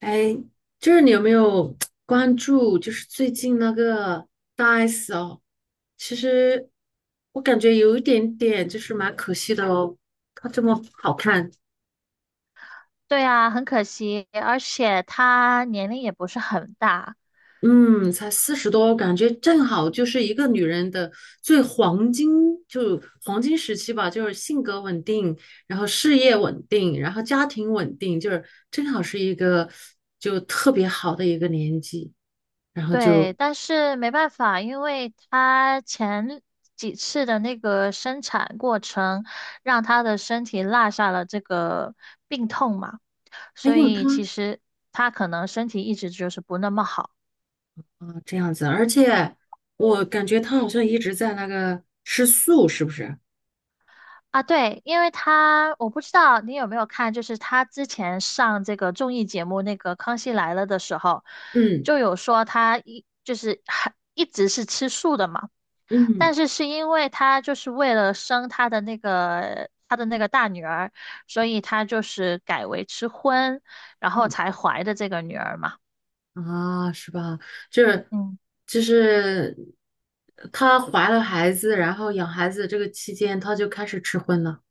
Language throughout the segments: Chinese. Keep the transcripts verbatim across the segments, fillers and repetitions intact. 哎，就是你有没有关注？就是最近那个大 S 哦，其实我感觉有一点点，就是蛮可惜的哦。她这么好看。对啊，很可惜，而且他年龄也不是很大。嗯，才四十多，感觉正好就是一个女人的最黄金，就黄金时期吧，就是性格稳定，然后事业稳定，然后家庭稳定，就是正好是一个就特别好的一个年纪，然后就对，但是没办法，因为他前几次的那个生产过程，让他的身体落下了这个病痛嘛，还所有她。以其实他可能身体一直就是不那么好啊，这样子，而且我感觉他好像一直在那个吃素，是不是？啊。对，因为他，我不知道你有没有看，就是他之前上这个综艺节目那个《康熙来了》的时候，嗯就有说他一就是很一直是吃素的嘛。但嗯是是因为他就是为了生他的那个他的那个大女儿，所以他就是改为吃荤，然后嗯，才怀的这个女儿嘛。啊，是吧？就是嗯，就是她怀了孩子，然后养孩子这个期间，她就开始吃荤了。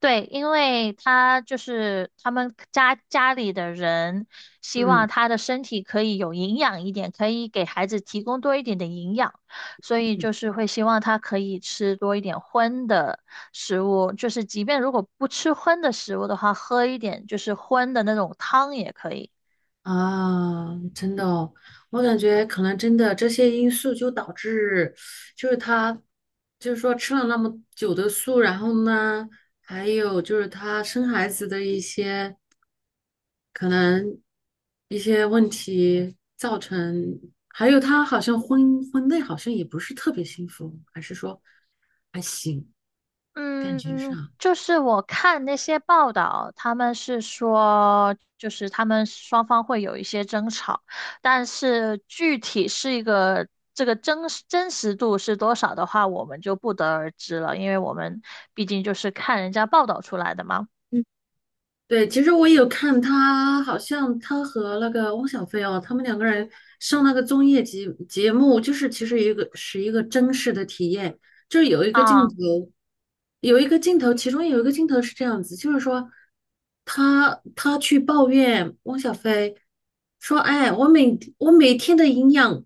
对，因为他就是他们家家里的人希嗯望他的身体可以有营养一点，可以给孩子提供多一点的营养，所以嗯，就是会希望他可以吃多一点荤的食物，就是即便如果不吃荤的食物的话，喝一点就是荤的那种汤也可以。啊，真的哦，我感觉可能真的这些因素就导致，就是她就是说吃了那么久的素，然后呢，还有就是她生孩子的一些。可能一些问题造成，还有他好像婚婚内好像也不是特别幸福，还是说还行，感觉嗯，上，就是我看那些报道，他们是说，就是他们双方会有一些争吵，但是具体是一个这个真实真实度是多少的话，我们就不得而知了，因为我们毕竟就是看人家报道出来的嘛。对，其实我也有看他，好像他和那个汪小菲哦，他们两个人上那个综艺节节目，就是其实一个是一个真实的体验，就是有一个镜啊，头，有一个镜头，其中有一个镜头是这样子，就是说他他去抱怨汪小菲说，哎，我每我每天的营养，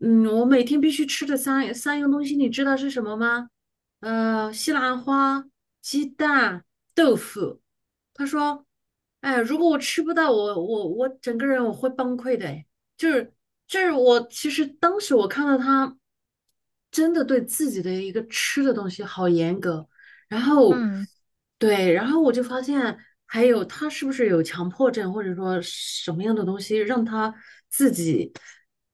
嗯，我每天必须吃的三三样东西，你知道是什么吗？呃，西兰花、鸡蛋、豆腐。他说：“哎，如果我吃不到，我我我整个人我会崩溃的。”哎，就是就是我其实当时我看到他真的对自己的一个吃的东西好严格，然后嗯。对，然后我就发现还有他是不是有强迫症，或者说什么样的东西让他自己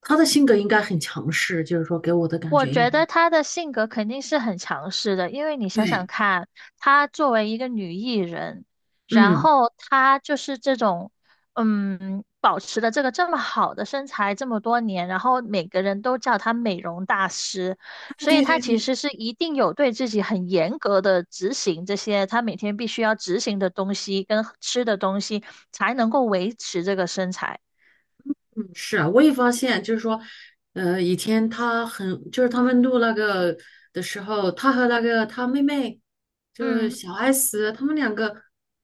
他的性格应该很强势，就是说给我的感我觉应觉该得她的性格肯定是很强势的，因为你想想对，看，她作为一个女艺人，然嗯，后她就是这种，嗯，保持的这个这么好的身材这么多年，然后每个人都叫她美容大师，哎，所以对她对其对，实是一定有对自己很严格的执行这些她每天必须要执行的东西跟吃的东西，才能够维持这个身材。嗯是啊，我也发现，就是说，呃，以前他很，就是他们录那个的时候，他和那个他妹妹，就是嗯。小 S，他们两个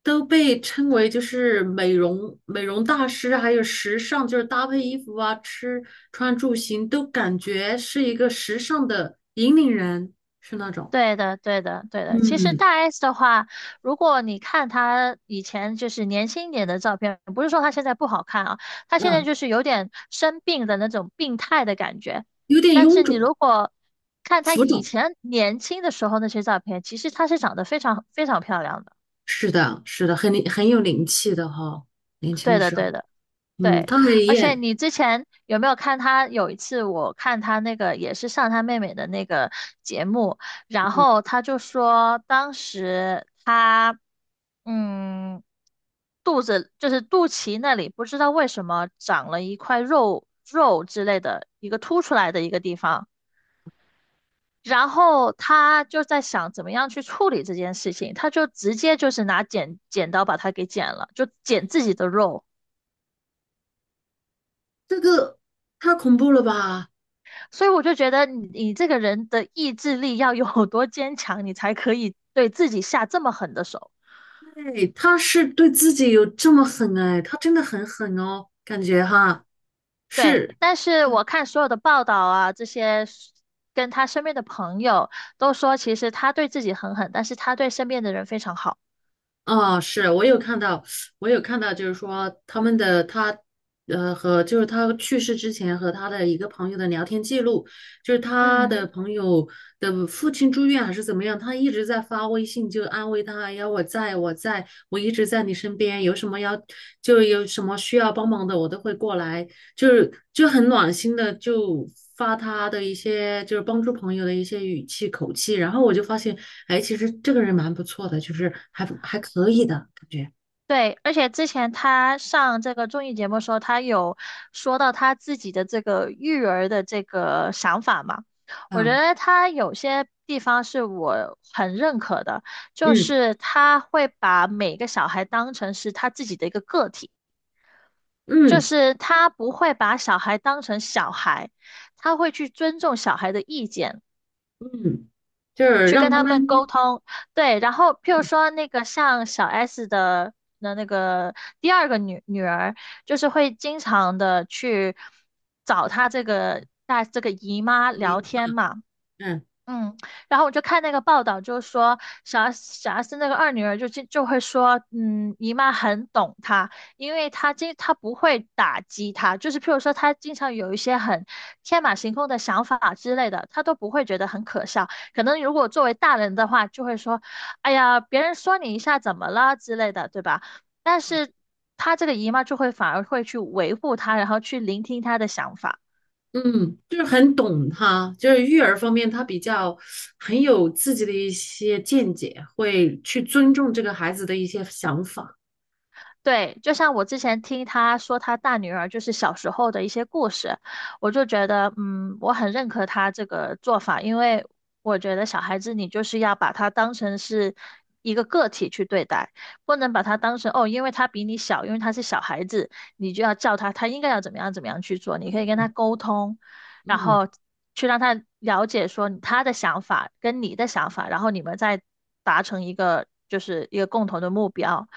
都被称为就是美容美容大师，还有时尚，就是搭配衣服啊、吃穿住行，都感觉是一个时尚的引领人，是那种，对的，对的，对的。其实嗯，大 S 的话，如果你看她以前就是年轻一点的照片，不是说她现在不好看啊，她现在嗯，就是有点生病的那种病态的感觉。有点但臃是你肿、如果看她浮以肿。前年轻的时候那些照片，其实她是长得非常非常漂亮的。是的，是的，很很有灵气的哈，年轻对的的，时候，对的。嗯，对，他很而且你之前有没有看他？有一次我看他那个也是上他妹妹的那个节目，然嗯。后他就说当时他嗯肚子就是肚脐那里不知道为什么长了一块肉肉之类的一个凸出来的一个地方，然后他就在想怎么样去处理这件事情，他就直接就是拿剪剪刀把它给剪了，就剪自己的肉。这个太恐怖了吧？所以我就觉得你你这个人的意志力要有多坚强，你才可以对自己下这么狠的手。对，他是对自己有这么狠哎，他真的很狠哦，感觉哈，对，是但是我看所有的报道啊，这些跟他身边的朋友都说，其实他对自己很狠，但是他对身边的人非常好。啊，是我有看到，我有看到，就是说他们的他，呃，和就是他去世之前和他的一个朋友的聊天记录，就是他嗯。的朋友的父亲住院还是怎么样，他一直在发微信就安慰他，要我在我在，我一直在你身边，有什么要就有什么需要帮忙的，我都会过来。就是就很暖心的，就发他的一些就是帮助朋友的一些语气口气，然后我就发现，哎，其实这个人蛮不错的，就是还还可以的感觉，对，而且之前他上这个综艺节目的时候，他有说到他自己的这个育儿的这个想法嘛。我觉嗯，得他有些地方是我很认可的，就嗯是他会把每个小孩当成是他自己的一个个体，就嗯是他不会把小孩当成小孩，他会去尊重小孩的意见。嗯，就是去让跟他他们们，沟通。对，然后譬如说那个像小 S 的那那个第二个女女儿，就是会经常的去找她这个大这个姨妈聊你天嘛。嗯嗯，然后我就看那个报道，就说小 S 小 S 那个二女儿就就就会说，嗯，姨妈很懂她，因为她经她不会打击她，就是譬如说她经常有一些很天马行空的想法之类的，她都不会觉得很可笑。可能如果作为大人的话，就会说，哎呀，别人说你一下怎么了之类的，对吧？但是她这个姨妈就会反而会去维护她，然后去聆听她的想法。嗯，就是很懂他，就是育儿方面他比较很有自己的一些见解，会去尊重这个孩子的一些想法，对，就像我之前听她说她大女儿就是小时候的一些故事，我就觉得，嗯，我很认可她这个做法，因为我觉得小孩子你就是要把他当成是一个个体去对待，不能把他当成哦，因为他比你小，因为他是小孩子，你就要叫他他应该要怎么样怎么样去做，你可以跟他嗯沟通，然嗯。后去让他了解说他的想法跟你的想法，然后你们再达成一个就是一个共同的目标。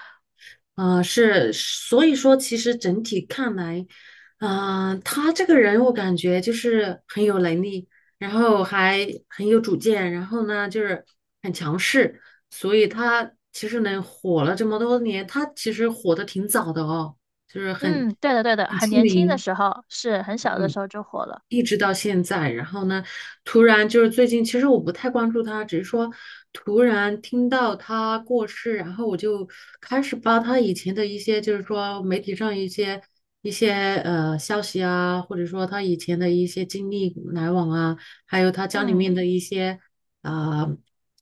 啊、呃是，所以说其实整体看来，啊、他这个人我感觉就是很有能力，然后还很有主见，然后呢就是很强势，所以他其实能火了这么多年，他其实火的挺早的哦，就是很嗯，对的，对的，很很出年轻的名。时候，是很小的时候就火了。一直到现在，然后呢，突然就是最近，其实我不太关注他，只是说突然听到他过世，然后我就开始扒他以前的一些，就是说媒体上一些一些呃消息啊，或者说他以前的一些经历来往啊，还有他家里嗯。面的一些啊、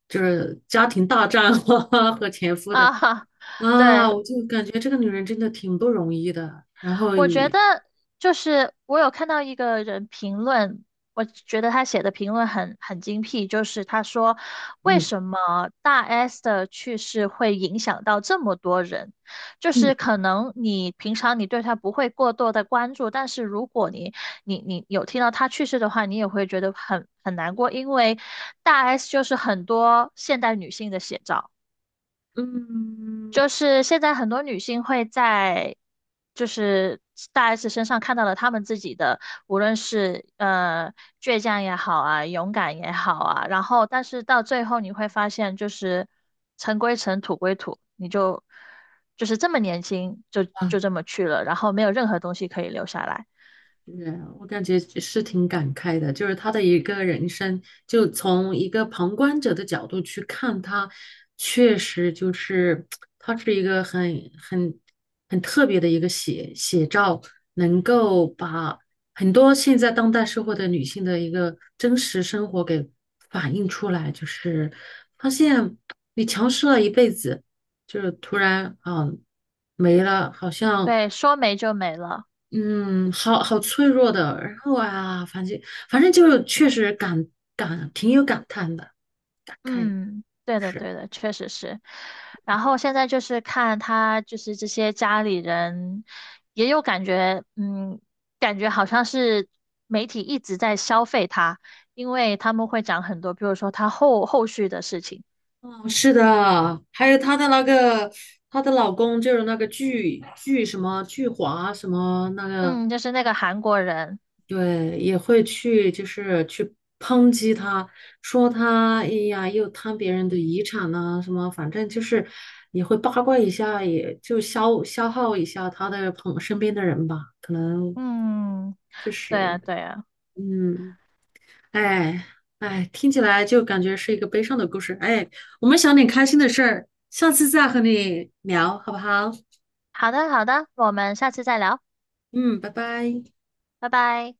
就是家庭大战 和前夫的啊哈，啊，对，我就感觉这个女人真的挺不容易的，然后我觉也得就是我有看到一个人评论，我觉得他写的评论很很精辟，就是他说为嗯什么大 S 的去世会影响到这么多人，就嗯。是可能你平常你对他不会过多的关注，但是如果你你你有听到他去世的话，你也会觉得很很难过，因为大 S 就是很多现代女性的写照。嗯就是现在很多女性会在就是大 S 身上看到了她们自己的，无论是呃倔强也好啊，勇敢也好啊，然后但是到最后你会发现，就是尘归尘，土归土，你就就是这么年轻就就这么去了，然后没有任何东西可以留下来。是，我感觉是挺感慨的，就是他的一个人生，就从一个旁观者的角度去看他，确实就是他是一个很很很特别的一个写写照，能够把很多现在当代社会的女性的一个真实生活给反映出来，就是发现你强势了一辈子，就是突然啊没了，好像。对，说没就没了。嗯，好好脆弱的。然后啊，反正反正就是确实感感挺有感叹的，感慨嗯，对的，是。对的，确实是。然后现在就是看他，就是这些家里人也有感觉，嗯，感觉好像是媒体一直在消费他，因为他们会讲很多，比如说他后后续的事情，嗯，是的，还有她的那个她的老公就是那个巨巨什么巨华什么那个，嗯，就是那个韩国人。对，也会去就是去抨击她，说她哎呀又贪别人的遗产呐、什么，反正就是也会八卦一下，也就消消耗一下她的朋身边的人吧，可能嗯，确对啊，实。对啊。嗯，哎哎，听起来就感觉是一个悲伤的故事。哎，我们想点开心的事儿，下次再和你聊，好不好？好的，好的，我们下次再聊。嗯，拜拜。拜拜。